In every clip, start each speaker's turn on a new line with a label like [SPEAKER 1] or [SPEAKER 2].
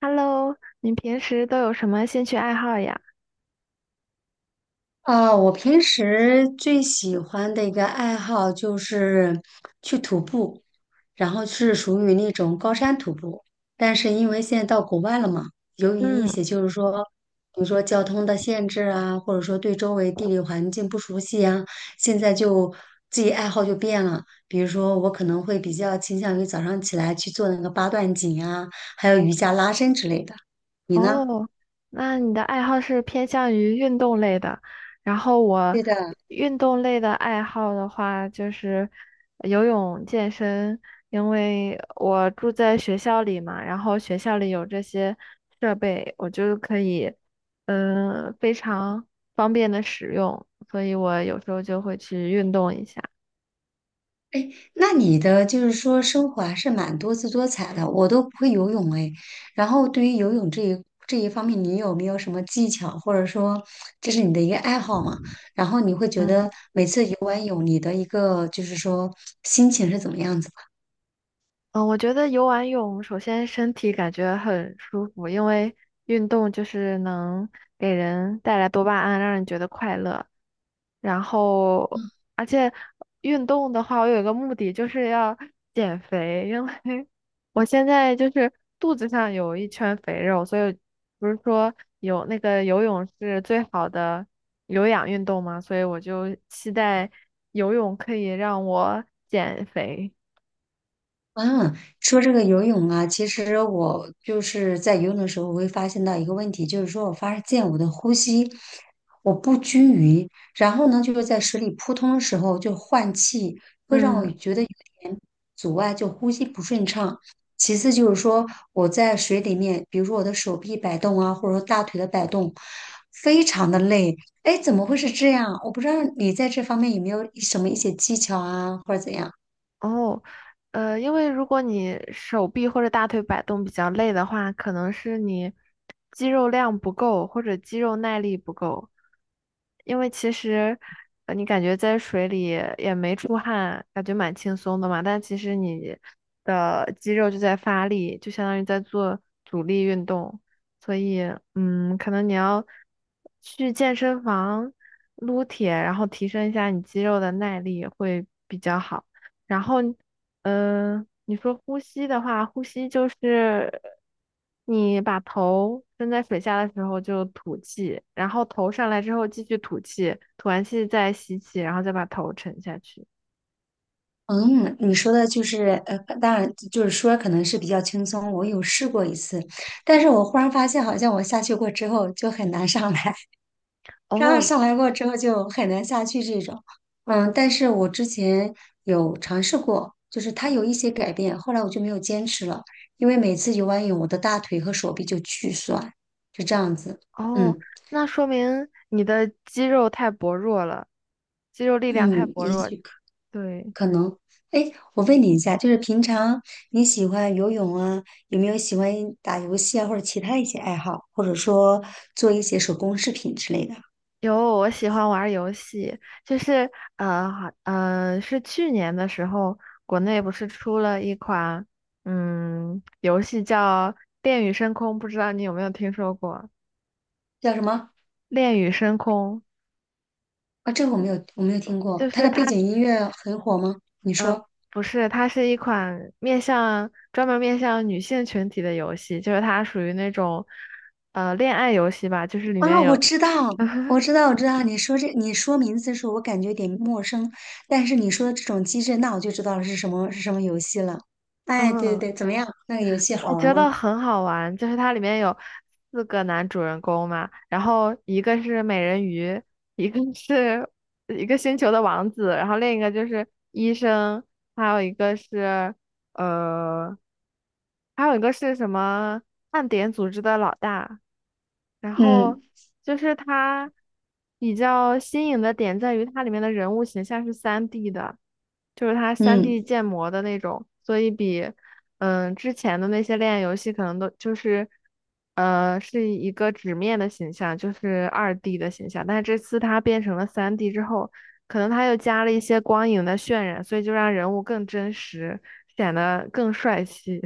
[SPEAKER 1] Hello,你平时都有什么兴趣爱好呀？
[SPEAKER 2] 我平时最喜欢的一个爱好就是去徒步，然后是属于那种高山徒步。但是因为现在到国外了嘛，由于一
[SPEAKER 1] 嗯，
[SPEAKER 2] 些就是说，比如说交通的限制啊，或者说对周围地理环境不熟悉啊，现在就自己爱好就变了。比如说，我可能会比较倾向于早上起来去做那个八段锦啊，还有瑜伽拉伸之类的。你呢？
[SPEAKER 1] 哦，那你的爱好是偏向于运动类的，然后我
[SPEAKER 2] 对的。
[SPEAKER 1] 运动类的爱好的话就是游泳、健身。因为我住在学校里嘛，然后学校里有这些设备，我就可以，嗯、非常方便的使用，所以我有时候就会去运动一下。
[SPEAKER 2] 那你的就是说生活还是蛮多姿多彩的，我都不会游泳哎。然后对于游泳这一方面，你有没有什么技巧，或者说这是你的一个爱好嘛？然后你会觉
[SPEAKER 1] 嗯，
[SPEAKER 2] 得每次游完泳，你的一个就是说心情是怎么样子？
[SPEAKER 1] 嗯，我觉得游完泳，首先身体感觉很舒服，因为运动就是能给人带来多巴胺，让人觉得快乐。然后，而且运动的话，我有一个目的就是要减肥，因为 我现在就是肚子上有一圈肥肉，所以不是说有那个游泳是最好的有氧运动嘛，所以我就期待游泳可以让我减肥。
[SPEAKER 2] 嗯，说这个游泳啊，其实我就是在游泳的时候，我会发现到一个问题，就是说我发现我的呼吸我不均匀，然后呢，就是在水里扑通的时候就换气，会让我
[SPEAKER 1] 嗯。
[SPEAKER 2] 觉得有点阻碍，就呼吸不顺畅。其次就是说我在水里面，比如说我的手臂摆动啊，或者说大腿的摆动，非常的累。哎，怎么会是这样？我不知道你在这方面有没有什么一些技巧啊，或者怎样。
[SPEAKER 1] 哦，因为如果你手臂或者大腿摆动比较累的话，可能是你肌肉量不够或者肌肉耐力不够。因为其实，你感觉在水里也没出汗，感觉蛮轻松的嘛。但其实你的肌肉就在发力，就相当于在做阻力运动。所以，嗯，可能你要去健身房撸铁，然后提升一下你肌肉的耐力会比较好。然后，嗯、呃你说呼吸的话，呼吸就是你把头伸在水下的时候就吐气，然后头上来之后继续吐气，吐完气再吸气，然后再把头沉下去。
[SPEAKER 2] 嗯，你说的就是，当然就是说可能是比较轻松，我有试过一次，但是我忽然发现好像我下去过之后就很难上来，然后
[SPEAKER 1] 哦，
[SPEAKER 2] 上来过之后就很难下去这种。嗯，但是我之前有尝试过，就是它有一些改变，后来我就没有坚持了，因为每次游完泳我的大腿和手臂就巨酸，就这样子。
[SPEAKER 1] 哦，
[SPEAKER 2] 嗯
[SPEAKER 1] 那说明你的肌肉太薄弱了，肌肉力量太
[SPEAKER 2] 嗯，
[SPEAKER 1] 薄
[SPEAKER 2] 也
[SPEAKER 1] 弱。
[SPEAKER 2] 许。
[SPEAKER 1] 对。
[SPEAKER 2] 可能，哎，我问你一下，就是平常你喜欢游泳啊，有没有喜欢打游戏啊，或者其他一些爱好，或者说做一些手工饰品之类的？
[SPEAKER 1] 有，我喜欢玩儿游戏，就是是去年的时候，国内不是出了一款嗯游戏叫《恋与深空》，不知道你有没有听说过？
[SPEAKER 2] 叫什么
[SPEAKER 1] 《恋与深空》
[SPEAKER 2] 啊？这个我没有，我没有听过。
[SPEAKER 1] 就
[SPEAKER 2] 它
[SPEAKER 1] 是
[SPEAKER 2] 的
[SPEAKER 1] 它，
[SPEAKER 2] 背景音乐很火吗？你
[SPEAKER 1] 呃，
[SPEAKER 2] 说
[SPEAKER 1] 不是，它是一款面向专门面向女性群体的游戏，就是它属于那种恋爱游戏吧，就是里
[SPEAKER 2] 啊，
[SPEAKER 1] 面
[SPEAKER 2] 我
[SPEAKER 1] 有
[SPEAKER 2] 知道，我知道，我知道。你说这，你说名字的时候，我感觉有点陌生，但是你说的这种机制，那我就知道了是什么游戏了。哎，对
[SPEAKER 1] 嗯
[SPEAKER 2] 对对，怎么样？那个游戏好
[SPEAKER 1] 我
[SPEAKER 2] 玩
[SPEAKER 1] 觉得
[SPEAKER 2] 吗？
[SPEAKER 1] 很好玩，就是它里面有四个男主人公嘛。然后一个是美人鱼，一个是一个星球的王子，然后另一个就是医生，还有一个是呃，还有一个是什么暗点组织的老大。然后
[SPEAKER 2] 嗯
[SPEAKER 1] 就是他比较新颖的点在于它里面的人物形象是三 d 的，就是它三
[SPEAKER 2] 嗯。
[SPEAKER 1] d 建模的那种。所以比嗯之前的那些恋爱游戏可能都就是是一个纸面的形象，就是二 D 的形象。但是这次它变成了三 D 之后，可能它又加了一些光影的渲染，所以就让人物更真实，显得更帅气。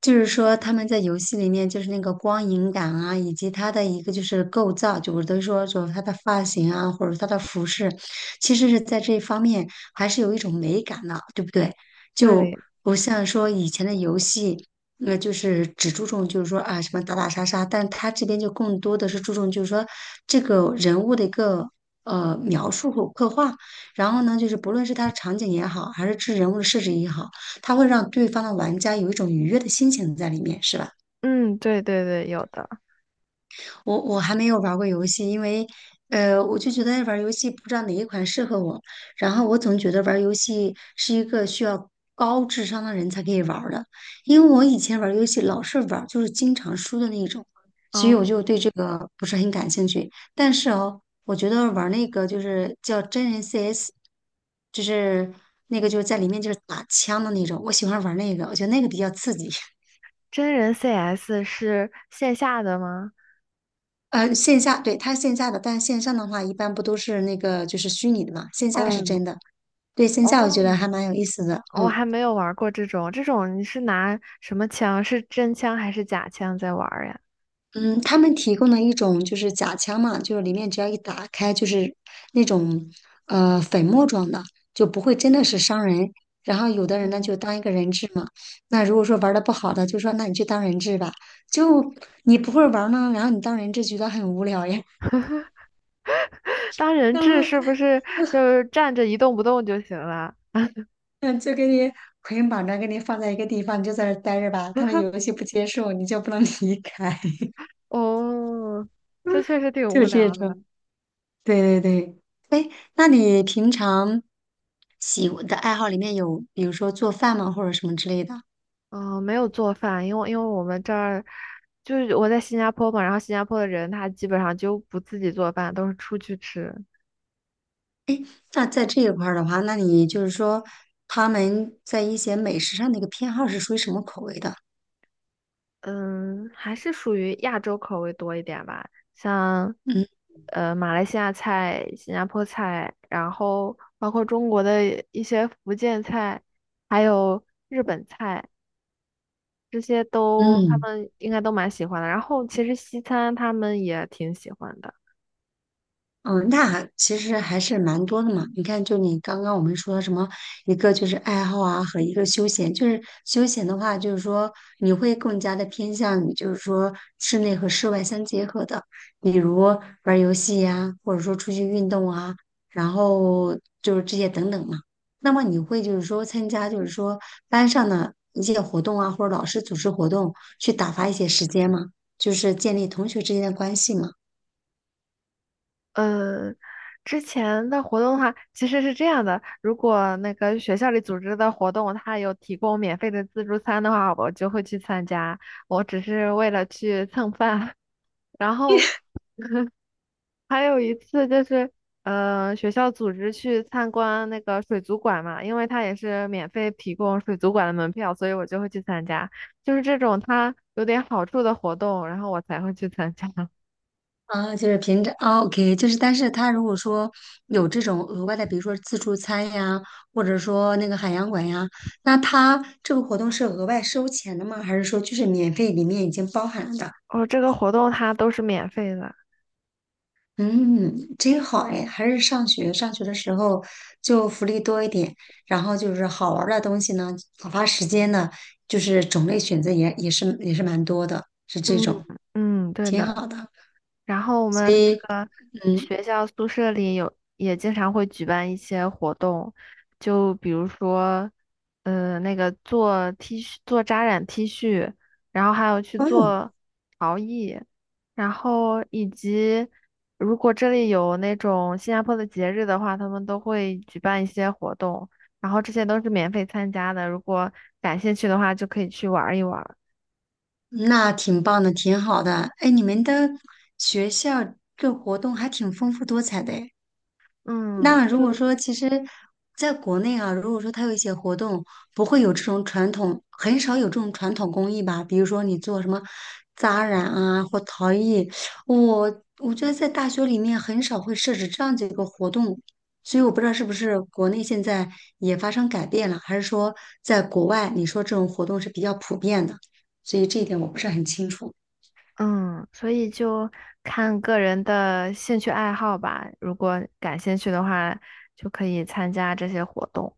[SPEAKER 2] 就是说他们在游戏里面就是那个光影感啊，以及他的一个就是构造，就我都说就他的发型啊，或者他的服饰，其实是在这一方面还是有一种美感的，对不对？就
[SPEAKER 1] 对，
[SPEAKER 2] 不像说以前的游戏，那就是只注重就是说啊什么打打杀杀，但他这边就更多的是注重就是说这个人物的一个。描述和刻画，然后呢，就是不论是他的场景也好，还是这人物的设置也好。它会让对方的玩家有一种愉悦的心情在里面，是吧？
[SPEAKER 1] 嗯，对对对，有的。
[SPEAKER 2] 我还没有玩过游戏，因为我就觉得玩游戏不知道哪一款适合我，然后我总觉得玩游戏是一个需要高智商的人才可以玩儿的，因为我以前玩游戏老是玩儿就是经常输的那种，所以
[SPEAKER 1] 哦，
[SPEAKER 2] 我就对这个不是很感兴趣。但是哦，我觉得玩那个就是叫真人 CS，就是那个就是在里面就是打枪的那种，我喜欢玩那个，我觉得那个比较刺激。
[SPEAKER 1] 真人 CS 是线下的吗？
[SPEAKER 2] 线下，对，它是线下的，但线上的话，一般不都是那个就是虚拟的嘛，线下是
[SPEAKER 1] 嗯，
[SPEAKER 2] 真的。对，线下我觉
[SPEAKER 1] 哦，
[SPEAKER 2] 得还蛮有意思的，
[SPEAKER 1] 我
[SPEAKER 2] 嗯
[SPEAKER 1] 还没有玩过这种，这种你是拿什么枪？是真枪还是假枪在玩儿呀？
[SPEAKER 2] 嗯，他们提供的一种就是假枪嘛，就是里面只要一打开就是那种粉末状的，就不会真的是伤人。然后有的人呢就当一个人质嘛，那如果说玩的不好的，就说那你去当人质吧，就你不会玩儿呢，然后你当人质觉得很无聊呀。
[SPEAKER 1] 当 人
[SPEAKER 2] 然
[SPEAKER 1] 质
[SPEAKER 2] 后
[SPEAKER 1] 是不是就是站着一动不动就行了？
[SPEAKER 2] 嗯，就给你捆绑着，给你放在一个地方，你就在那儿待着吧。他们有一些不接受，你就不能离开，
[SPEAKER 1] 哦，这确实挺
[SPEAKER 2] 就
[SPEAKER 1] 无
[SPEAKER 2] 这
[SPEAKER 1] 聊
[SPEAKER 2] 种。
[SPEAKER 1] 的。
[SPEAKER 2] 对对对，那你平常喜欢的爱好里面有，比如说做饭吗，或者什么之类的？
[SPEAKER 1] 嗯，没有做饭，因为我们这儿就是我在新加坡嘛，然后新加坡的人他基本上就不自己做饭，都是出去吃。
[SPEAKER 2] 那在这一块儿的话，那你就是说他们在一些美食上的一个偏好是属于什么口味的？
[SPEAKER 1] 嗯，还是属于亚洲口味多一点吧。像
[SPEAKER 2] 嗯
[SPEAKER 1] 马来西亚菜、新加坡菜，然后包括中国的一些福建菜，还有日本菜，这些都他
[SPEAKER 2] 嗯。
[SPEAKER 1] 们应该都蛮喜欢的。然后其实西餐他们也挺喜欢的。
[SPEAKER 2] 嗯，那其实还是蛮多的嘛。你看，就你刚刚我们说什么，一个就是爱好啊，和一个休闲。就是休闲的话，就是说你会更加的偏向于，就是说室内和室外相结合的，比如玩儿游戏呀、或者说出去运动啊，然后就是这些等等嘛。那么你会就是说参加，就是说班上的一些活动啊，或者老师组织活动，去打发一些时间吗？就是建立同学之间的关系嘛。
[SPEAKER 1] 呃，之前的活动的话，其实是这样的。如果那个学校里组织的活动，它有提供免费的自助餐的话，我就会去参加，我只是为了去蹭饭。然后还有一次就是，学校组织去参观那个水族馆嘛，因为它也是免费提供水族馆的门票，所以我就会去参加。就是这种它有点好处的活动，然后我才会去参加。
[SPEAKER 2] 啊，就是平常 o k 就是，但是他如果说有这种额外的，比如说自助餐呀，或者说那个海洋馆呀，那他这个活动是额外收钱的吗？还是说就是免费里面已经包含了的？
[SPEAKER 1] 哦，这个活动它都是免费的。
[SPEAKER 2] 嗯，真好哎，还是上学的时候就福利多一点，然后就是好玩儿的东西呢，打发时间呢，就是种类选择也是蛮多的，是这
[SPEAKER 1] 嗯，
[SPEAKER 2] 种
[SPEAKER 1] 嗯，对
[SPEAKER 2] 挺
[SPEAKER 1] 的。
[SPEAKER 2] 好的，
[SPEAKER 1] 然后我们
[SPEAKER 2] 所
[SPEAKER 1] 那
[SPEAKER 2] 以
[SPEAKER 1] 个
[SPEAKER 2] 嗯。
[SPEAKER 1] 学校宿舍里有也经常会举办一些活动，就比如说，那个做 T 恤、做扎染 T 恤，然后还有去
[SPEAKER 2] 哦
[SPEAKER 1] 做陶艺，然后以及如果这里有那种新加坡的节日的话，他们都会举办一些活动，然后这些都是免费参加的。如果感兴趣的话，就可以去玩儿一玩儿。
[SPEAKER 2] 那挺棒的，挺好的。哎，你们的学校这活动还挺丰富多彩的。
[SPEAKER 1] 嗯，
[SPEAKER 2] 那如果说其实在国内啊，如果说它有一些活动，不会有这种传统，很少有这种传统工艺吧？比如说你做什么扎染啊或陶艺，我觉得在大学里面很少会设置这样子一个活动，所以我不知道是不是国内现在也发生改变了，还是说在国外你说这种活动是比较普遍的，所以这一点我不是很清楚。
[SPEAKER 1] 嗯，所以就看个人的兴趣爱好吧。如果感兴趣的话，就可以参加这些活动。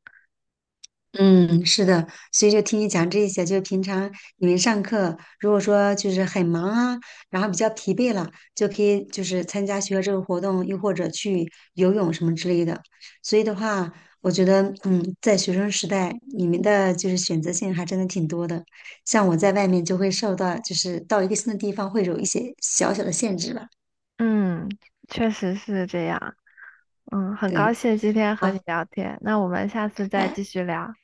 [SPEAKER 2] 嗯，是的，所以就听你讲这些，就平常你们上课，如果说就是很忙啊，然后比较疲惫了，就可以就是参加学校这个活动，又或者去游泳什么之类的。所以的话，我觉得，嗯，在学生时代，你们的就是选择性还真的挺多的。像我在外面就会受到，就是到一个新的地方会有一些小小的限制吧。
[SPEAKER 1] 嗯，确实是这样。嗯，很高
[SPEAKER 2] 对，
[SPEAKER 1] 兴今天和你
[SPEAKER 2] 好，
[SPEAKER 1] 聊天，那我们下次再
[SPEAKER 2] 哎，
[SPEAKER 1] 继续聊，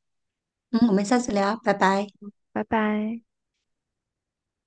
[SPEAKER 2] 嗯，我们下次聊，拜拜。
[SPEAKER 1] 拜拜。